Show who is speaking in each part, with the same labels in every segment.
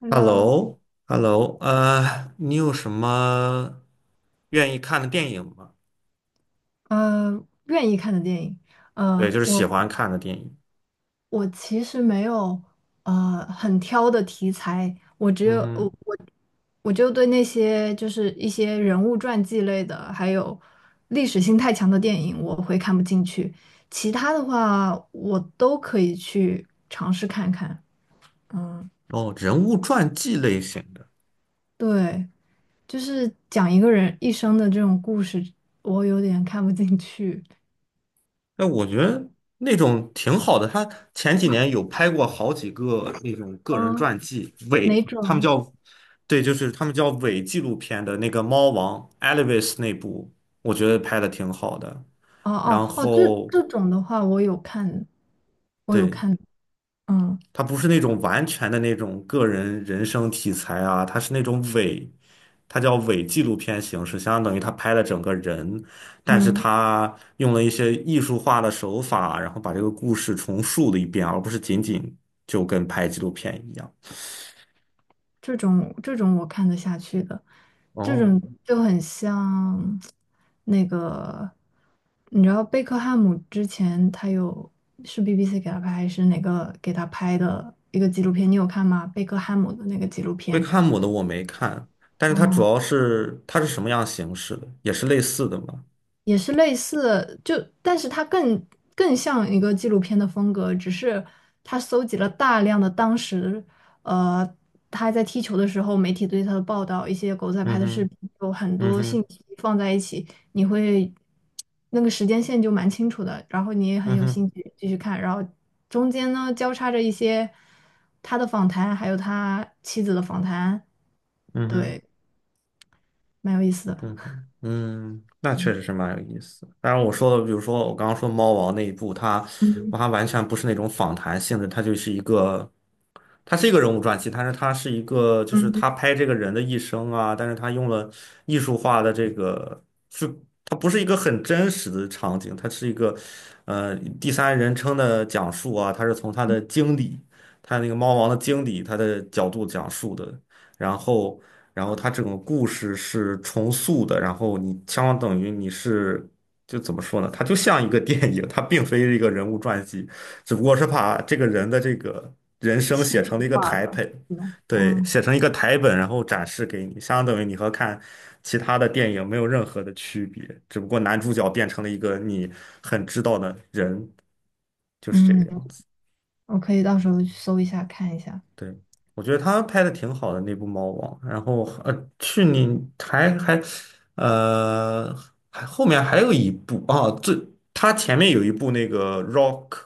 Speaker 1: Hello，
Speaker 2: Hello，Hello，你有什么愿意看的电影吗？
Speaker 1: 愿意看的电影，
Speaker 2: 对，
Speaker 1: 呃，
Speaker 2: 就是
Speaker 1: 我
Speaker 2: 喜欢看的电影。
Speaker 1: 我其实没有很挑的题材，我只
Speaker 2: 嗯
Speaker 1: 有我
Speaker 2: 哼，
Speaker 1: 我我就对那些就是一些人物传记类的，还有历史性太强的电影，我会看不进去。其他的话，我都可以去尝试看看。嗯，
Speaker 2: 哦，人物传记类型的，
Speaker 1: 对，就是讲一个人一生的这种故事，我有点看不进去。
Speaker 2: 哎，我觉得那种挺好的。他前几年有拍过好几个那种个人
Speaker 1: 嗯，
Speaker 2: 传记，伪，
Speaker 1: 哪
Speaker 2: 他们
Speaker 1: 种？
Speaker 2: 叫，对，就是他们叫伪纪录片的那个《猫王》Elvis 那部，我觉得拍的挺好的。
Speaker 1: 哦
Speaker 2: 然
Speaker 1: 哦哦，这
Speaker 2: 后，
Speaker 1: 这种的话，我有看，我有
Speaker 2: 对。
Speaker 1: 看，嗯
Speaker 2: 它不是那种完全的那种个人人生题材啊，它是那种伪，它叫伪纪录片形式，相当于他拍了整个人，但是
Speaker 1: 嗯，
Speaker 2: 他用了一些艺术化的手法，然后把这个故事重述了一遍，而不是仅仅就跟拍纪录片一样。
Speaker 1: 这种我看得下去的，这
Speaker 2: 哦，
Speaker 1: 种就很像那个，你知道贝克汉姆之前他有是 BBC 给他拍还是哪个给他拍的一个纪录片，你有看吗？贝克汉姆的那个纪录
Speaker 2: 贝克
Speaker 1: 片，
Speaker 2: 汉姆的我没看，但是它主
Speaker 1: 嗯。
Speaker 2: 要是它是什么样形式的，也是类似的嘛。
Speaker 1: 也是类似，就但是它更像一个纪录片的风格，只是它搜集了大量的当时，呃，他在踢球的时候，媒体对他的报道，一些狗仔
Speaker 2: 嗯
Speaker 1: 拍的视
Speaker 2: 哼，
Speaker 1: 频，有很
Speaker 2: 嗯
Speaker 1: 多信
Speaker 2: 哼，
Speaker 1: 息放在一起，你会那个时间线就蛮清楚的，然后你也很
Speaker 2: 嗯
Speaker 1: 有
Speaker 2: 哼，
Speaker 1: 兴趣继续看，然后中间呢交叉着一些他的访谈，还有他妻子的访谈，
Speaker 2: 嗯哼。
Speaker 1: 对，蛮有意思的，
Speaker 2: 嗯哼嗯，那确实是蛮有意思的。当然，我说的，比如说我刚刚说猫王那一部，我
Speaker 1: 嗯，
Speaker 2: 还完全不是那种访谈性质，它是一个人物传记，但是它是一个，就是
Speaker 1: 嗯，
Speaker 2: 他拍这个人的一生啊，但是他用了艺术化的这个，是它不是一个很真实的场景，它是一个呃第三人称的讲述啊，它是从他的经理，他那个猫王的经理他的角度讲述的。然后然后它整个故事是重塑的，然后你相当等于你是就怎么说呢？它就像一个电影，它并非是一个人物传记，只不过是把这个人的这个人生
Speaker 1: 戏
Speaker 2: 写
Speaker 1: 剧
Speaker 2: 成了一个
Speaker 1: 化
Speaker 2: 台
Speaker 1: 了，
Speaker 2: 本，
Speaker 1: 嗯。
Speaker 2: 对，
Speaker 1: 嗯
Speaker 2: 写成一个台本，然后展示给你，相当等于你和看其他的电影没有任何的区别，只不过男主角变成了一个你很知道的人，就是这个
Speaker 1: 嗯，
Speaker 2: 样子。
Speaker 1: 我可以到时候去搜一下看一下。
Speaker 2: 对，我觉得他拍的挺好的那部《猫王》，然后去年呃还后面还有一部啊，他前面有一部那个 Rock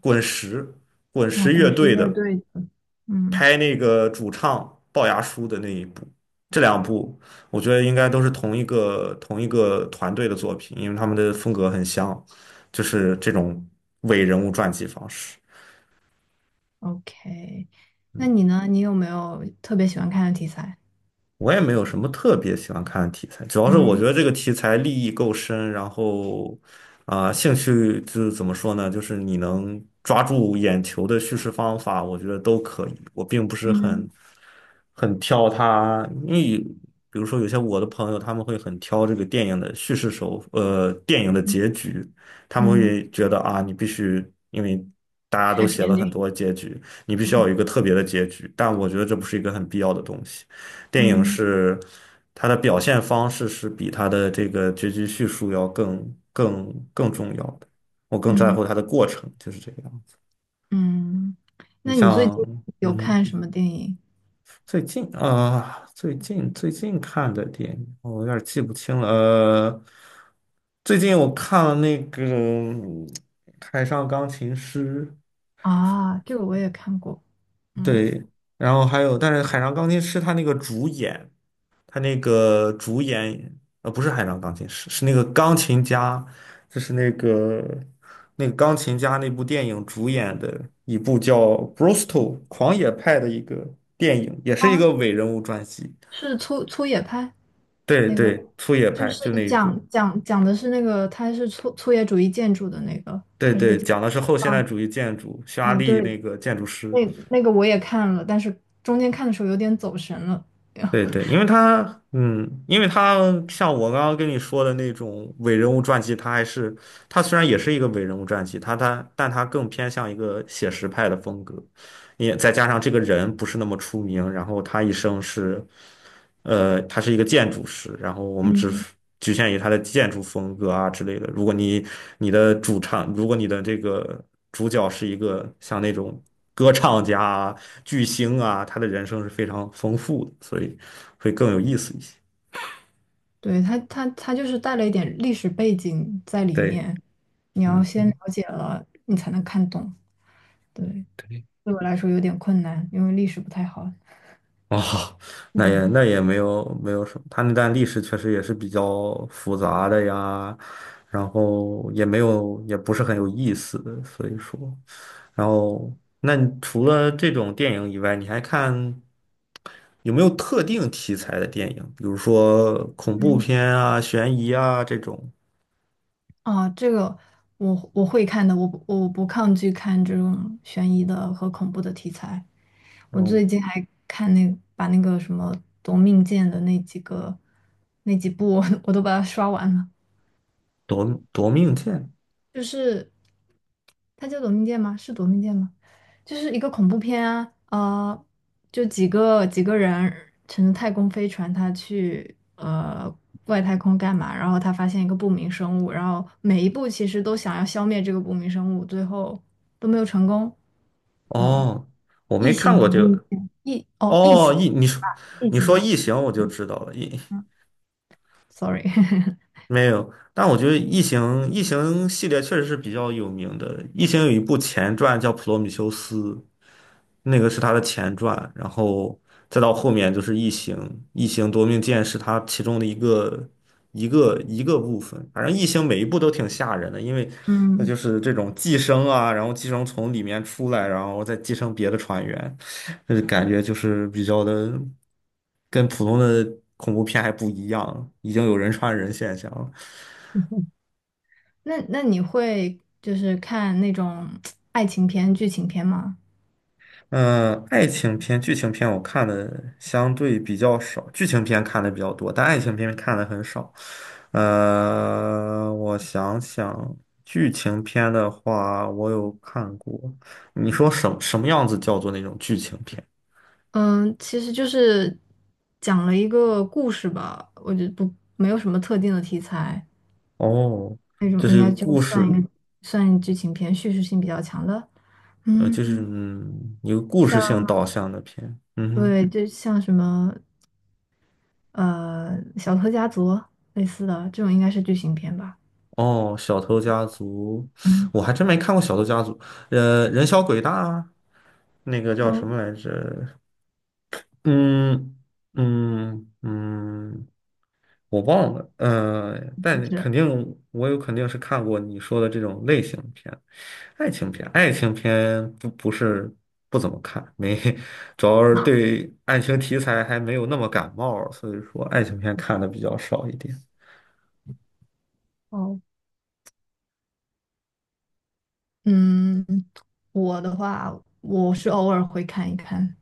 Speaker 2: 滚石滚
Speaker 1: 啊，
Speaker 2: 石乐
Speaker 1: 滚石
Speaker 2: 队
Speaker 1: 乐
Speaker 2: 的
Speaker 1: 队的，嗯
Speaker 2: 拍那个主唱龅牙叔的那一部，这两部我觉得应该都是同一个团队的作品，因为他们的风格很像，就是这种伪人物传记方式。
Speaker 1: ，OK。那你呢？你有没有特别喜欢看的题材？
Speaker 2: 我也没有什么特别喜欢看的题材，主要是我
Speaker 1: 嗯
Speaker 2: 觉得这个题材立意够深，然后啊、兴趣就是怎么说呢，就是你能抓住眼球的叙事方法，我觉得都可以。我并不是很
Speaker 1: 嗯
Speaker 2: 很挑它，因为比如说有些我的朋友他们会很挑这个电影的叙事手，呃，电影的
Speaker 1: 嗯
Speaker 2: 结局，他们
Speaker 1: 嗯
Speaker 2: 会觉得啊，你必须因为。大家都
Speaker 1: ，Happy
Speaker 2: 写了很
Speaker 1: Ending。
Speaker 2: 多结局，你必须要
Speaker 1: 嗯
Speaker 2: 有一个特别的结局，但我觉得这不是一个很必要的东西。电影
Speaker 1: 嗯
Speaker 2: 是它的表现方式是比它的这个结局叙述要更重要的。我更在
Speaker 1: 嗯
Speaker 2: 乎它的过程，就是这个样子。
Speaker 1: 嗯。
Speaker 2: 你
Speaker 1: 那你最近
Speaker 2: 像，
Speaker 1: 有
Speaker 2: 嗯，
Speaker 1: 看什么电影
Speaker 2: 最近啊、最近看的电影，我有点记不清了。最近我看了那个海上钢琴师》，
Speaker 1: 啊？这个我也看过。嗯，
Speaker 2: 对，然后还有，但是《海上钢琴师》他那个主演。不是海上钢琴师，是那个钢琴家，就是那个钢琴家那部电影主演的一部叫《Brostal 狂野派》的一个电影，也是一
Speaker 1: 啊，
Speaker 2: 个伪人物传记。
Speaker 1: 是粗野派
Speaker 2: 对
Speaker 1: 那个，
Speaker 2: 对，粗野
Speaker 1: 就
Speaker 2: 派
Speaker 1: 是
Speaker 2: 就那一
Speaker 1: 讲
Speaker 2: 部。
Speaker 1: 讲讲的是那个，它是粗野主义建筑的那个。
Speaker 2: 对对，讲的是后现代
Speaker 1: 啊，
Speaker 2: 主义建筑，匈牙
Speaker 1: 啊，
Speaker 2: 利
Speaker 1: 对
Speaker 2: 那个建筑师。
Speaker 1: 那那个我也看了，但是中间看的时候有点走神了。
Speaker 2: 对对，因为他像我刚刚跟你说的那种伪人物传记，他虽然也是一个伪人物传记，但他更偏向一个写实派的风格，也再加上这个人不是那么出名，然后他一生是。他是一个建筑师，然后我们只
Speaker 1: 嗯，
Speaker 2: 局限于他的建筑风格啊之类的。如果你的这个主角是一个像那种歌唱家啊巨星啊，他的人生是非常丰富的，所以会更有意思一些。
Speaker 1: 对，他就是带了一点历史背景在里
Speaker 2: 对，
Speaker 1: 面，你要
Speaker 2: 嗯，
Speaker 1: 先了解了，你才能看懂。对，
Speaker 2: 对，
Speaker 1: 对我来说有点困难，因为历史不太好。
Speaker 2: 哦，那也 没有没有什么，他那段历史确实也是比较复杂的呀，然后也没有也不是很有意思的，所以说。然后，那你除了这种电影以外，你还看有没有特定题材的电影？比如说恐怖
Speaker 1: 嗯，
Speaker 2: 片啊、悬疑啊这种。
Speaker 1: 啊，这个我会看的，我不抗拒看这种悬疑的和恐怖的题材。我
Speaker 2: 哦，
Speaker 1: 最近还看那个什么《夺命剑》的那几个那几部 我都把它刷完了。
Speaker 2: 夺命剑。
Speaker 1: 就是它叫《夺命剑》吗？是《夺命剑》吗？就是一个恐怖片啊，就几个人乘着太空飞船，他去外太空干嘛？然后他发现一个不明生物，然后每一步其实都想要消灭这个不明生物，最后都没有成功。嗯，
Speaker 2: 哦，我没
Speaker 1: 异
Speaker 2: 看
Speaker 1: 形
Speaker 2: 过
Speaker 1: 夺
Speaker 2: 这
Speaker 1: 命
Speaker 2: 个。
Speaker 1: 剑，哦，异
Speaker 2: 哦，
Speaker 1: 形，
Speaker 2: 你说
Speaker 1: 异
Speaker 2: 你
Speaker 1: 形
Speaker 2: 说
Speaker 1: 了。
Speaker 2: 异形，我就
Speaker 1: 嗯
Speaker 2: 知道了。
Speaker 1: 嗯，sorry，
Speaker 2: 没有，但我觉得异形系列确实是比较有名的。异形有一部前传叫《普罗米修斯》，那个是它的前传，然后再到后面就是《异形》，《异形夺命剑》是它其中的一个部分。反正《异形》每一部都挺吓人的，因为那
Speaker 1: 嗯。
Speaker 2: 就是这种寄生啊，然后寄生从里面出来，然后再寄生别的船员，就是感觉就是比较的跟普通的恐怖片还不一样，已经有人传人现象了。
Speaker 1: 那你会就是看那种爱情片、剧情片吗？
Speaker 2: 嗯，爱情片、剧情片我看的相对比较少，剧情片看的比较多，但爱情片看的很少。我想想，剧情片的话，我有看过。你说什么样子叫做那种剧情片？
Speaker 1: 嗯，其实就是讲了一个故事吧，我觉得不没有什么特定的题材，
Speaker 2: 哦，
Speaker 1: 那种
Speaker 2: 这是
Speaker 1: 应
Speaker 2: 一个
Speaker 1: 该就
Speaker 2: 故
Speaker 1: 算一
Speaker 2: 事，
Speaker 1: 个算剧情片，叙事性比较强的。嗯，
Speaker 2: 就是一个故事性
Speaker 1: 像
Speaker 2: 导向的片。嗯哼，
Speaker 1: 对，就像什么呃《小偷家族》类似的这种，应该是剧情片吧。
Speaker 2: 哦，《小偷家族》，
Speaker 1: 嗯
Speaker 2: 我还真没看过《小偷家族》。《人小鬼大》啊那个叫什
Speaker 1: 嗯，
Speaker 2: 么来着？嗯嗯嗯，我忘了，但
Speaker 1: 是
Speaker 2: 肯定我有肯定是看过你说的这种类型片，爱情片不是不怎么看，没，主要是对爱情题材还没有那么感冒，所以说爱情片看的比较少一点。
Speaker 1: 哦，嗯，我的话，我是偶尔会看一看。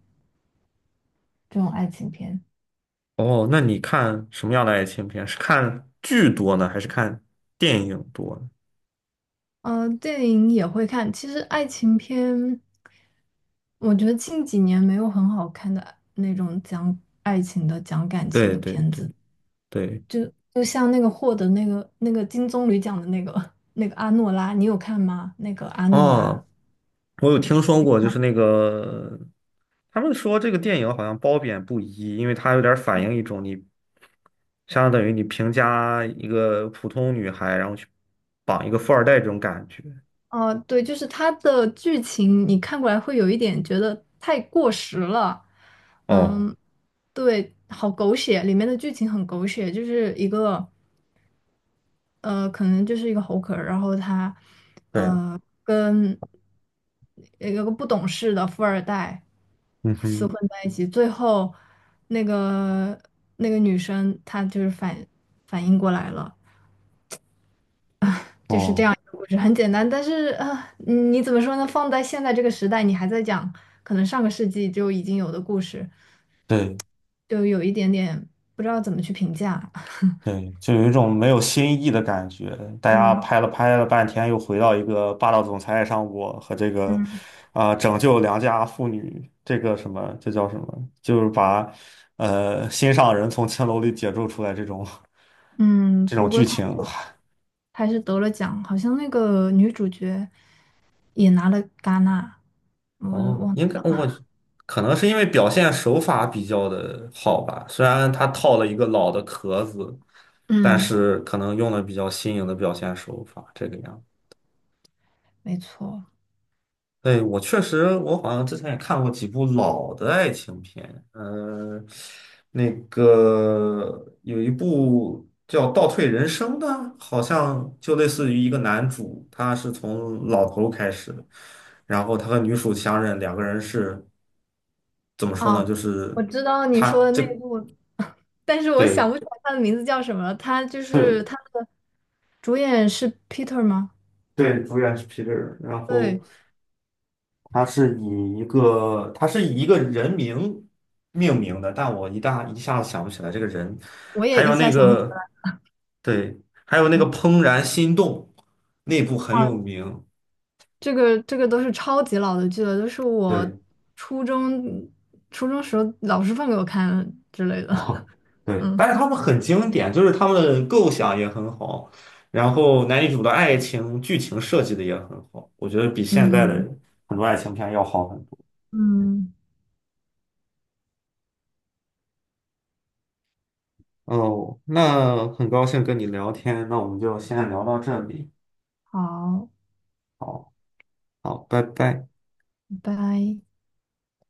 Speaker 1: 这种爱情片？
Speaker 2: 哦，那你看什么样的爱情片？是看剧多呢，还是看电影多呢。
Speaker 1: 嗯，电影也会看。其实爱情片，我觉得近几年没有很好看的那种讲爱情的、讲感情
Speaker 2: 对
Speaker 1: 的
Speaker 2: 对
Speaker 1: 片
Speaker 2: 对
Speaker 1: 子。
Speaker 2: 对，
Speaker 1: 就像那个获得那个金棕榈奖的那个 那个阿诺拉，你有看吗？那个阿诺拉。
Speaker 2: 哦，我有听说过，就是那个。他们说这个电影好像褒贬不一，因为它有点反映一种你相当于你评价一个普通女孩，然后去绑一个富二代这种感觉。
Speaker 1: 哦、对，就是它的剧情，你看过来会有一点觉得太过时了。
Speaker 2: 哦，
Speaker 1: 嗯，对，好狗血，里面的剧情很狗血，就是一个。可能就是一个猴壳儿，然后他，
Speaker 2: 对，
Speaker 1: 跟有个不懂事的富二代
Speaker 2: 嗯
Speaker 1: 厮
Speaker 2: 哼，
Speaker 1: 混在一起，最后那个女生她就是反应过来了，就是这
Speaker 2: 哦，
Speaker 1: 样一个故事，很简单，但是啊，你怎么说呢？放在现在这个时代，你还在讲可能上个世纪就已经有的故事，
Speaker 2: 对，
Speaker 1: 就有一点点不知道怎么去评价。
Speaker 2: 对，就有一种没有新意的感觉。大家
Speaker 1: 嗯
Speaker 2: 拍了半天，又回到一个霸道总裁爱上我和这个，
Speaker 1: 嗯
Speaker 2: 啊、拯救良家妇女这个什么，这叫什么？就是把，心上人从青楼里解救出来这种
Speaker 1: 嗯，
Speaker 2: 这种
Speaker 1: 不过
Speaker 2: 剧
Speaker 1: 他。
Speaker 2: 情。
Speaker 1: 还是得了奖，好像那个女主角也拿了戛纳，我
Speaker 2: 哦，
Speaker 1: 忘
Speaker 2: 应
Speaker 1: 记
Speaker 2: 该
Speaker 1: 了。
Speaker 2: 我 可能是因为表现手法比较的好吧，虽然他套了一个老的壳子，但
Speaker 1: 嗯，
Speaker 2: 是可能用了比较新颖的表现手法，这个样子
Speaker 1: 没错。
Speaker 2: 对，我确实，我好像之前也看过几部老的爱情片，那个有一部叫《倒退人生》的，好像就类似于一个男主，他是从老头开始的，然后他和女主相认，两个人是怎么说呢？就
Speaker 1: 啊，
Speaker 2: 是
Speaker 1: 我知道你
Speaker 2: 他
Speaker 1: 说的
Speaker 2: 这
Speaker 1: 那一部，但是我
Speaker 2: 对
Speaker 1: 想不起来他的名字叫什么了。他就是
Speaker 2: 对
Speaker 1: 他的主演是 Peter 吗？
Speaker 2: 对，主演是皮特尔，然后。
Speaker 1: 对，
Speaker 2: 它是以一个人名命名的，但我一下子想不起来这个人。
Speaker 1: 我也
Speaker 2: 还
Speaker 1: 一
Speaker 2: 有那
Speaker 1: 下想不起
Speaker 2: 个
Speaker 1: 来。
Speaker 2: 对，还有那个
Speaker 1: 嗯
Speaker 2: 《怦然心动》，那部很有
Speaker 1: 啊，
Speaker 2: 名。
Speaker 1: 这个都是超级老的剧了，都是我
Speaker 2: 对，
Speaker 1: 初中初中时候老师放给我看之类的。
Speaker 2: 哦，对，
Speaker 1: 嗯
Speaker 2: 但是他们很经典，就是他们的构想也很好，然后男女主的爱情剧情设计的也很好，我觉得比现在的
Speaker 1: 嗯
Speaker 2: 很多爱情片要好很多。
Speaker 1: 嗯，
Speaker 2: 哦，那很高兴跟你聊天，那我们就先聊到这里。
Speaker 1: 好，
Speaker 2: 好。好，拜拜。
Speaker 1: 拜拜。